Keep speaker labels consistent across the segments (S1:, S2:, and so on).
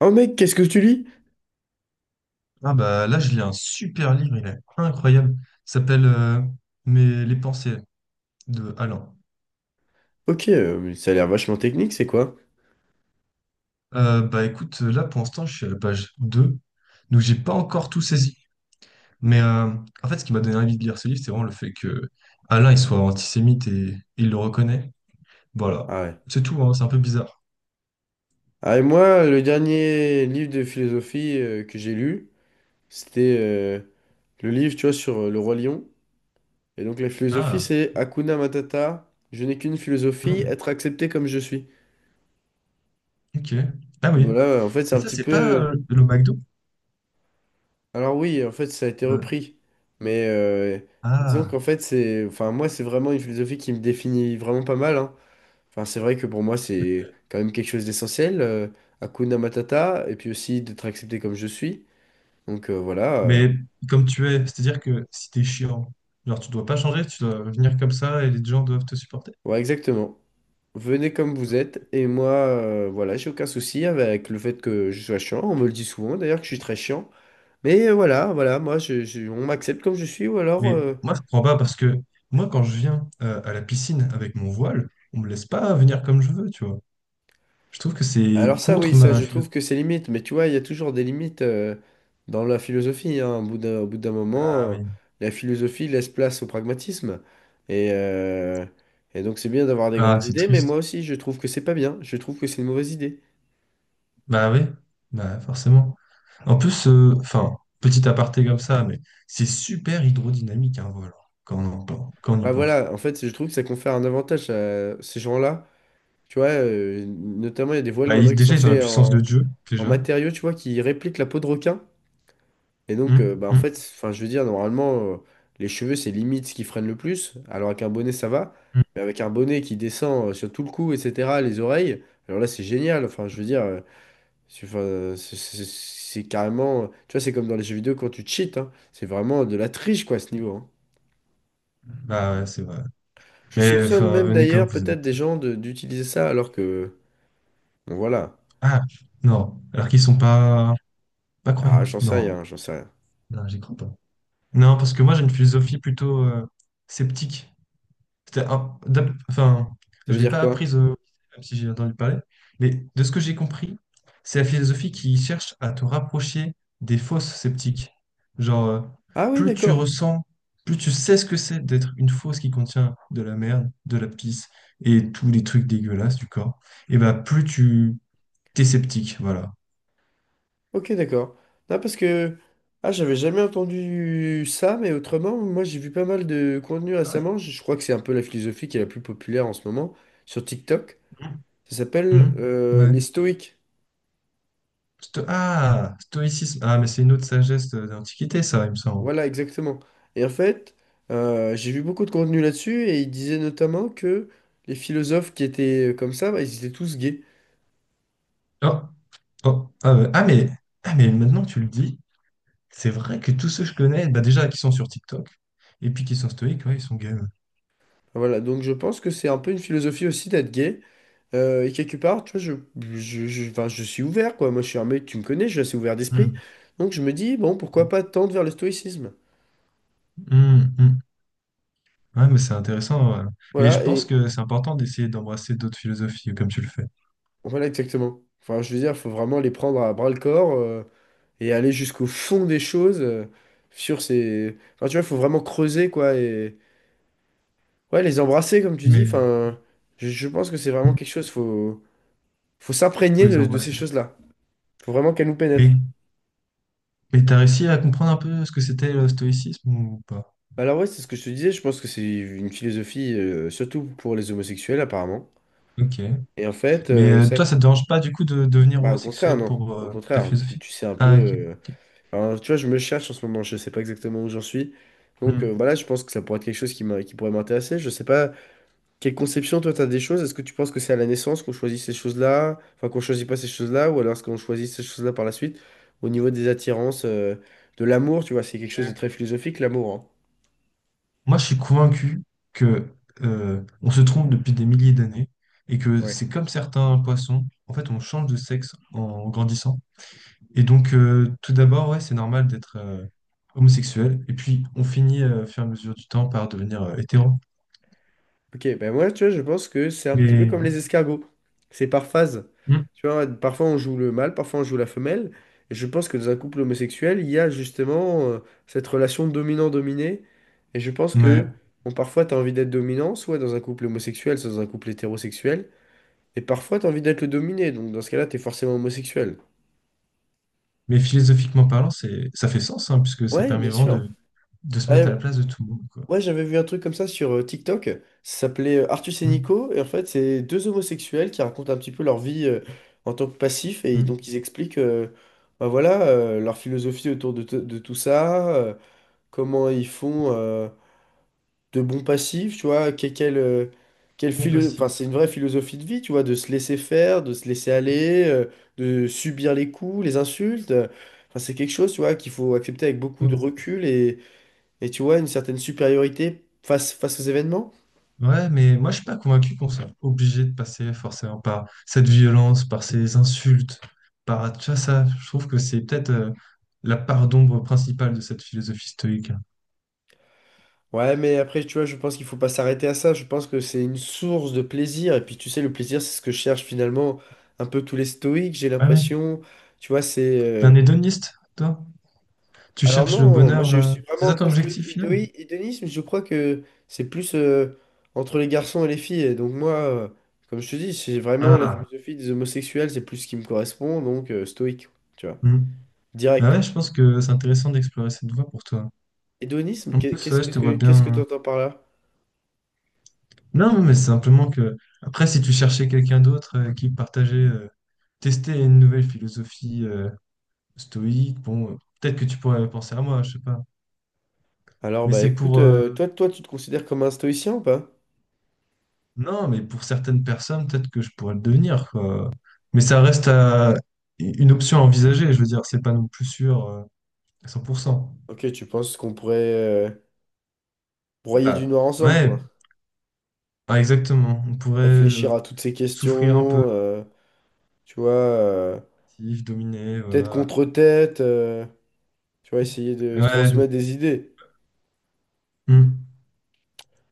S1: Oh mec, qu'est-ce que tu lis?
S2: Ah bah là, je lis un super livre, il est incroyable. Il s'appelle mes les pensées de Alain.
S1: Ok, mais ça a l'air vachement technique, c'est quoi?
S2: Bah écoute, là pour l'instant, je suis à la page 2 donc j'ai pas encore tout saisi. Mais en fait, ce qui m'a donné envie de lire ce livre, c'est vraiment le fait que Alain il soit antisémite et il le reconnaît. Voilà.
S1: Ah ouais.
S2: C'est tout, hein, c'est un peu bizarre.
S1: Ah et moi, le dernier livre de philosophie que j'ai lu, c'était le livre, tu vois, sur le roi lion. Et donc la philosophie,
S2: Ah,
S1: c'est Hakuna Matata, je n'ai qu'une philosophie,
S2: hmm,
S1: être accepté comme je suis.
S2: ok. Ah oui.
S1: Voilà, en fait, c'est
S2: Mais
S1: un
S2: ça,
S1: petit
S2: c'est pas
S1: peu...
S2: le McDo?
S1: Alors oui, en fait, ça a été
S2: Euh,
S1: repris. Mais disons
S2: ah.
S1: qu'en fait, c'est... Enfin, moi, c'est vraiment une philosophie qui me définit vraiment pas mal, hein. Enfin, c'est vrai que pour moi, c'est quand même quelque chose d'essentiel, Hakuna Matata, et puis aussi d'être accepté comme je suis. Donc voilà,
S2: Mais comme tu es, c'est-à-dire que si t'es chiant, genre tu dois pas changer, tu dois venir comme ça et les gens doivent te supporter.
S1: ouais, exactement. Venez comme vous êtes, et moi, voilà, j'ai aucun souci avec le fait que je sois chiant. On me le dit souvent, d'ailleurs, que je suis très chiant. Mais voilà, voilà, moi, on m'accepte comme je suis, ou
S2: Mais moi, je comprends pas parce que moi, quand je viens à la piscine avec mon voile, on me laisse pas venir comme je veux, tu vois. Je trouve que c'est
S1: alors ça, oui,
S2: contre
S1: ça,
S2: ma
S1: je trouve
S2: philosophie.
S1: que c'est limite, mais tu vois, il y a toujours des limites dans la philosophie. Hein. Au bout d'un, au bout d'un
S2: Ah
S1: moment,
S2: oui.
S1: la philosophie laisse place au pragmatisme. Et, euh, et donc c'est bien d'avoir des
S2: Ah,
S1: grandes
S2: c'est
S1: idées, mais moi
S2: triste.
S1: aussi, je trouve que c'est pas bien. Je trouve que c'est une mauvaise idée.
S2: Bah oui, bah forcément. En plus, enfin, petit aparté comme ça, mais c'est super hydrodynamique un voile, hein, quand on, quand on y
S1: Ah
S2: pense.
S1: voilà, en fait, je trouve que ça confère un avantage à ces gens-là. Tu vois, notamment, il y a des voiles
S2: Bah,
S1: maintenant qui sont
S2: déjà, ils ont la
S1: faits
S2: puissance de
S1: en,
S2: Dieu,
S1: en
S2: déjà.
S1: matériaux, tu vois, qui répliquent la peau de requin. Et donc,
S2: Hum,
S1: bah, en
S2: hum,
S1: fait, enfin, je veux dire, normalement, les cheveux, c'est limite ce qui freine le plus. Alors, avec un bonnet, ça va.
S2: hum.
S1: Mais avec un bonnet qui descend sur tout le cou, etc., les oreilles, alors là, c'est génial. Enfin, je veux dire, c'est enfin, c'est carrément. Tu vois, c'est comme dans les jeux vidéo quand tu cheats. Hein. C'est vraiment de la triche, quoi, à ce niveau. Hein.
S2: Bah ouais, c'est vrai.
S1: Je
S2: Mais
S1: soupçonne
S2: enfin,
S1: même
S2: venez comme
S1: d'ailleurs,
S2: vous
S1: peut-être, des
S2: êtes.
S1: gens d'utiliser ça alors que. Bon, voilà.
S2: Ah, non. Alors qu'ils sont pas, pas
S1: Ah,
S2: croyants.
S1: j'en sais
S2: Non,
S1: rien, j'en sais rien.
S2: non, j'y crois pas. Non, parce que moi, j'ai une philosophie plutôt sceptique. Enfin,
S1: Ça
S2: je
S1: veut
S2: l'ai
S1: dire
S2: pas
S1: quoi?
S2: apprise, même si j'ai entendu parler. Mais de ce que j'ai compris, c'est la philosophie qui cherche à te rapprocher des fausses sceptiques. Genre,
S1: Ah oui,
S2: plus tu
S1: d'accord.
S2: ressens, plus tu sais ce que c'est d'être une fausse qui contient de la merde, de la pisse et tous les trucs dégueulasses du corps et bah plus tu t'es sceptique, voilà.
S1: Ok, d'accord. Non, parce que ah, j'avais jamais entendu ça, mais autrement, moi j'ai vu pas mal de contenu
S2: Ah ouais?
S1: récemment. Je crois que c'est un peu la philosophie qui est la plus populaire en ce moment sur TikTok. Ça s'appelle
S2: Mhm.
S1: les
S2: Ouais.
S1: stoïques.
S2: Ah, stoïcisme. Ah, mais c'est une autre sagesse d'Antiquité, ça, il me semble.
S1: Voilà, exactement. Et en fait, j'ai vu beaucoup de contenu là-dessus et ils disaient notamment que les philosophes qui étaient comme ça, bah, ils étaient tous gays.
S2: Oh, oh, ah, ouais. Ah, mais maintenant que tu le dis, c'est vrai que tous ceux que je connais, bah, déjà, qui sont sur TikTok, et puis qui sont stoïques, ouais, ils sont game.
S1: Voilà, donc je pense que c'est un peu une philosophie aussi d'être gay. Et quelque part, tu vois, enfin, je suis ouvert, quoi. Moi, je suis un mec, tu me connais, je suis assez ouvert d'esprit.
S2: Mhm.
S1: Donc, je me dis, bon, pourquoi pas tendre vers le stoïcisme?
S2: Mhm. Ouais, mais c'est intéressant, ouais. Mais je
S1: Voilà,
S2: pense
S1: et
S2: que c'est important d'essayer d'embrasser d'autres philosophies, comme tu le fais.
S1: voilà, exactement. Enfin, je veux dire, il faut vraiment les prendre à bras-le-corps et aller jusqu'au fond des choses sur ces... Enfin, tu vois, il faut vraiment creuser, quoi, et... Ouais, les embrasser, comme tu dis.
S2: Mais
S1: Enfin, je pense que c'est vraiment
S2: hmm,
S1: quelque
S2: vous
S1: chose, faut s'imprégner
S2: pouvez les
S1: de ces
S2: embrasser.
S1: choses-là. Faut vraiment qu'elles nous pénètrent.
S2: Mais, mais t'as réussi à comprendre un peu ce que c'était le stoïcisme ou pas?
S1: Bah, alors ouais, c'est ce que je te disais, je pense que c'est une philosophie surtout pour les homosexuels apparemment.
S2: Ok.
S1: Et en fait,
S2: Mais
S1: ça...
S2: toi, ça te dérange pas du coup de devenir
S1: bah, au contraire,
S2: homosexuel
S1: non.
S2: pour
S1: Au
S2: ta
S1: contraire,
S2: philosophie?
S1: tu sais un peu...
S2: Ah, ok. Ok.
S1: enfin, tu vois, je me cherche en ce moment, je sais pas exactement où j'en suis.
S2: Hmm.
S1: Donc voilà, je pense que ça pourrait être quelque chose qui pourrait m'intéresser. Je sais pas, quelle conception toi t'as des choses? Est-ce que tu penses que c'est à la naissance qu'on choisit ces choses-là? Enfin, qu'on choisit pas ces choses-là, ou alors est-ce qu'on choisit ces choses-là par la suite? Au niveau des attirances, de l'amour, tu vois, c'est quelque chose
S2: Euh,
S1: de très philosophique, l'amour, hein.
S2: moi, je suis convaincu que on se trompe depuis des milliers d'années et que
S1: Ouais.
S2: c'est comme certains poissons. En fait, on change de sexe en grandissant. Et donc, tout d'abord, ouais, c'est normal d'être homosexuel. Et puis, on finit, au fur et à mesure du temps, par devenir hétéro.
S1: Ok, ben moi, tu vois, je pense que c'est un petit peu comme les
S2: Mais,
S1: escargots. C'est par phase.
S2: mm,
S1: Tu vois, parfois on joue le mâle, parfois on joue la femelle. Et je pense que dans un couple homosexuel, il y a justement cette relation dominant-dominé. Et je pense
S2: mais,
S1: que, bon, parfois t'as envie d'être dominant, soit dans un couple homosexuel, soit dans un couple hétérosexuel. Et parfois t'as envie d'être le dominé. Donc dans ce cas-là, t'es forcément homosexuel.
S2: mais philosophiquement parlant, ça fait sens, hein, puisque ça
S1: Ouais,
S2: permet
S1: bien
S2: vraiment
S1: sûr.
S2: de se mettre à
S1: Ouais,
S2: la place de tout le monde, quoi.
S1: ouais, j'avais vu un truc comme ça sur TikTok. Ça s'appelait Artus et
S2: Mm.
S1: Nico. Et en fait, c'est deux homosexuels qui racontent un petit peu leur vie en tant que passif. Et
S2: Mm.
S1: donc, ils expliquent bah voilà, leur philosophie autour de tout ça, comment ils font de bons passifs, tu vois. Quelle,
S2: Bon
S1: enfin, c'est
S2: passif.
S1: une vraie philosophie de vie, tu vois, de se laisser faire, de se laisser aller, de subir les coups, les insultes. Enfin, c'est quelque chose, tu vois, qu'il faut accepter avec beaucoup de
S2: Oh.
S1: recul et tu vois, une certaine supériorité face aux événements.
S2: Ouais, mais moi je suis pas convaincu qu'on soit obligé de passer forcément par cette violence, par ces insultes, par tu vois, ça. Je trouve que c'est peut-être la part d'ombre principale de cette philosophie stoïque.
S1: Ouais, mais après, tu vois, je pense qu'il faut pas s'arrêter à ça. Je pense que c'est une source de plaisir. Et puis, tu sais, le plaisir, c'est ce que cherchent finalement un peu tous les stoïques, j'ai
S2: Ah ouais.
S1: l'impression. Tu vois, c'est...
S2: T'es un hédoniste, toi? Tu
S1: Alors
S2: cherches le
S1: non, moi,
S2: bonheur.
S1: je suis
S2: C'est
S1: vraiment
S2: ça ton
S1: très stoïque.
S2: objectif final?
S1: Hédonisme, je crois que c'est plus entre les garçons et les filles. Et donc moi, comme je te dis, c'est vraiment la
S2: Ah.
S1: philosophie des homosexuels, c'est plus ce qui me correspond. Donc, stoïque, tu vois,
S2: Hmm. Ah
S1: direct.
S2: ouais, je pense que c'est intéressant d'explorer cette voie pour toi.
S1: Hédonisme,
S2: En
S1: qu'est-
S2: plus,
S1: qu'est-ce
S2: ouais, je te
S1: que
S2: vois
S1: qu'est-ce que
S2: bien.
S1: t'entends par là?
S2: Non, mais c'est simplement que après, si tu cherchais quelqu'un d'autre qui partageait, testait une nouvelle philosophie. Stoïque. Bon, peut-être que tu pourrais penser à moi, je sais pas.
S1: Alors,
S2: Mais
S1: bah
S2: c'est
S1: écoute,
S2: pour...
S1: toi, tu te considères comme un stoïcien ou pas?
S2: Non, mais pour certaines personnes, peut-être que je pourrais le devenir, quoi. Mais ça reste à- une option à envisager, je veux dire, c'est pas non plus sûr à 100%.
S1: Ok, tu penses qu'on pourrait broyer du
S2: Bah,
S1: noir ensemble,
S2: ouais,
S1: quoi.
S2: bah, exactement. On pourrait
S1: Réfléchir à toutes ces
S2: souffrir un peu,
S1: questions, tu vois,
S2: si je
S1: tête
S2: voilà.
S1: contre tête, tu vois, essayer de se
S2: Ouais.
S1: transmettre des idées.
S2: Hmm.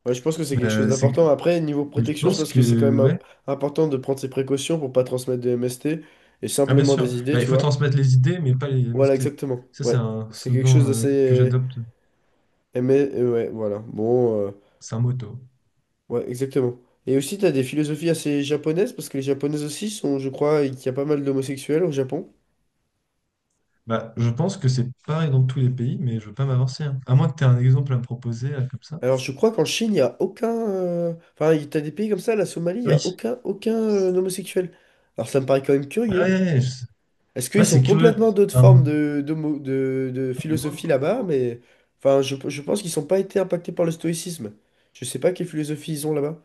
S1: Ouais, je pense que c'est
S2: Mais,
S1: quelque chose
S2: euh, c'est-
S1: d'important. Après, niveau
S2: mais je
S1: protection, je
S2: pense
S1: pense que c'est quand
S2: que,
S1: même
S2: ouais.
S1: important de prendre ses précautions pour pas transmettre de MST et
S2: Ah, bien
S1: simplement
S2: sûr.
S1: des idées,
S2: Bah, il
S1: tu
S2: faut
S1: vois.
S2: transmettre les idées, mais pas les
S1: Voilà,
S2: MST.
S1: exactement.
S2: Ça, c'est
S1: Ouais,
S2: un
S1: c'est quelque chose
S2: slogan
S1: d'assez...
S2: que j'adopte.
S1: Ouais, voilà. Bon.
S2: C'est un motto.
S1: Ouais, exactement. Et aussi, t'as des philosophies assez japonaises, parce que les japonaises aussi sont, je crois, qu'il y a pas mal d'homosexuels au Japon.
S2: Bah, je pense que c'est pareil dans tous les pays, mais je veux pas m'avancer, hein. À moins que tu aies un exemple à me proposer, là, comme ça.
S1: Alors, je crois qu'en Chine, il n'y a aucun... Enfin, t'as des pays comme ça, la Somalie, il n'y
S2: Oui.
S1: a aucun homosexuel. Alors, ça me paraît quand même
S2: Ah
S1: curieux.
S2: ouais, ouais, sais.
S1: Est-ce
S2: Ouais,
S1: qu'ils
S2: c'est
S1: ont
S2: curieux.
S1: complètement d'autres
S2: Enfin,
S1: formes de
S2: je me demande
S1: philosophie là-bas?
S2: pourquoi.
S1: Mais, enfin, je pense qu'ils n'ont pas été impactés par le stoïcisme. Je sais pas quelle philosophie ils ont là-bas.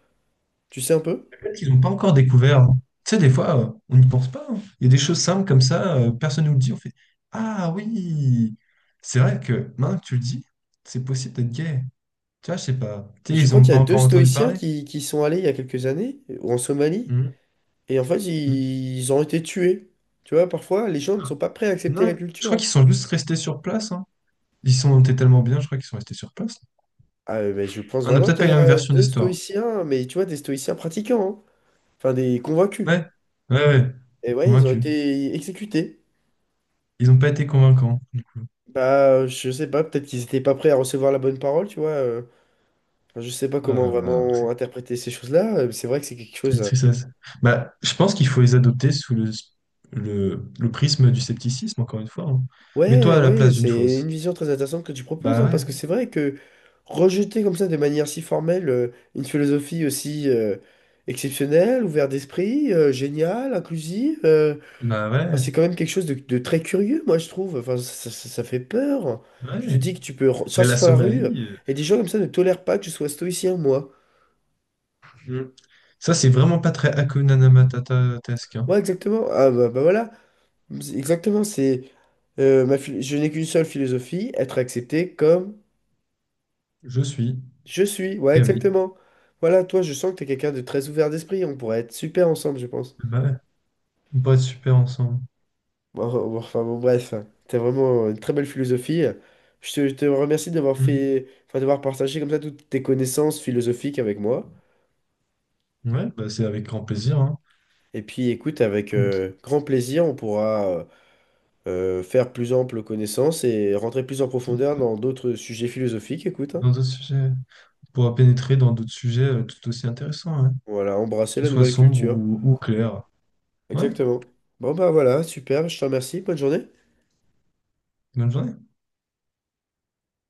S1: Tu sais un peu?
S2: Peut-être qu'ils n'ont pas encore découvert, hein. Tu sais, des fois, on n'y pense pas, hein. Il y a des choses simples comme ça, personne ne nous le dit. On fait ah oui! C'est vrai que maintenant que tu le dis, c'est possible d'être gay. Tu vois, je sais pas. Tu
S1: Je
S2: sais, ils
S1: crois
S2: n'ont
S1: qu'il y
S2: pas
S1: a deux
S2: encore entendu
S1: stoïciens
S2: parler.
S1: qui sont allés il y a quelques années, ou en Somalie.
S2: Mhm,
S1: Et en fait,
S2: mhm.
S1: ils ont été tués. Tu vois, parfois, les gens ne sont pas prêts à accepter la
S2: Non, je
S1: culture.
S2: crois
S1: Hein.
S2: qu'ils sont juste restés sur place, hein. Ils sont étaient tellement bien, je crois qu'ils sont restés sur place.
S1: Ah, mais ben, je pense
S2: On n'a
S1: vraiment
S2: peut-être
S1: qu'il
S2: pas
S1: y
S2: eu la même
S1: a
S2: version
S1: deux
S2: d'histoire.
S1: stoïciens, mais tu vois, des stoïciens pratiquants, hein. Enfin, des convaincus.
S2: Ouais, ouais.
S1: Et ouais, ils ont
S2: Convaincu.
S1: été exécutés.
S2: Ils n'ont pas été convaincants, du coup.
S1: Bah, je sais pas, peut-être qu'ils étaient pas prêts à recevoir la bonne parole, tu vois. Enfin, je sais pas
S2: Ah
S1: comment
S2: là là,
S1: vraiment interpréter ces choses-là. Mais c'est vrai que c'est quelque chose.
S2: quelle tristesse. Bah, je pense qu'il faut les adopter sous le prisme du scepticisme, encore une fois, hein. Mets-toi
S1: Ouais,
S2: à la
S1: ouais,
S2: place d'une
S1: c'est une
S2: fausse.
S1: vision très intéressante que tu proposes,
S2: Bah
S1: hein,
S2: ouais,
S1: parce que c'est vrai que rejeter comme ça de manière si formelle une philosophie aussi exceptionnelle, ouverte d'esprit, géniale, inclusive,
S2: bah
S1: enfin,
S2: ouais,
S1: c'est quand même quelque chose de très curieux, moi je trouve. Enfin, ça fait peur. Tu te
S2: ouais.
S1: dis que tu peux
S2: Mais la
S1: sortir dans la rue
S2: Somalie,
S1: et des gens comme ça ne tolèrent pas que je sois stoïcien, moi.
S2: euh, mm. ça c'est vraiment pas très Hakuna Matata-tesque, hein.
S1: Ouais, exactement. Ah voilà, exactement, c'est je n'ai qu'une seule philosophie, être accepté comme
S2: Je suis.
S1: je suis, ouais,
S2: Eh oui.
S1: exactement. Voilà, toi, je sens que t'es quelqu'un de très ouvert d'esprit. On pourrait être super ensemble, je pense.
S2: Bah ouais, on pourrait être super ensemble.
S1: Bon, bon, bon, enfin, bon, bref, t'as vraiment une très belle philosophie. Je te remercie d'avoir
S2: Mm.
S1: fait, enfin, d'avoir partagé comme ça toutes tes connaissances philosophiques avec moi.
S2: Ouais, bah c'est avec grand plaisir, hein.
S1: Et puis, écoute, avec
S2: Écoute,
S1: grand plaisir, on pourra faire plus ample connaissance et rentrer plus en
S2: ouais,
S1: profondeur dans d'autres sujets philosophiques. Écoute, hein.
S2: dans d'autres sujets. Pourra pénétrer dans d'autres sujets tout aussi intéressants, hein,
S1: Voilà, embrasser
S2: qu'ils
S1: la
S2: soient
S1: nouvelle
S2: sombres
S1: culture.
S2: ou clairs. Ouais,
S1: Exactement. Bon, bah voilà, super. Je te remercie. Bonne journée.
S2: bonne journée.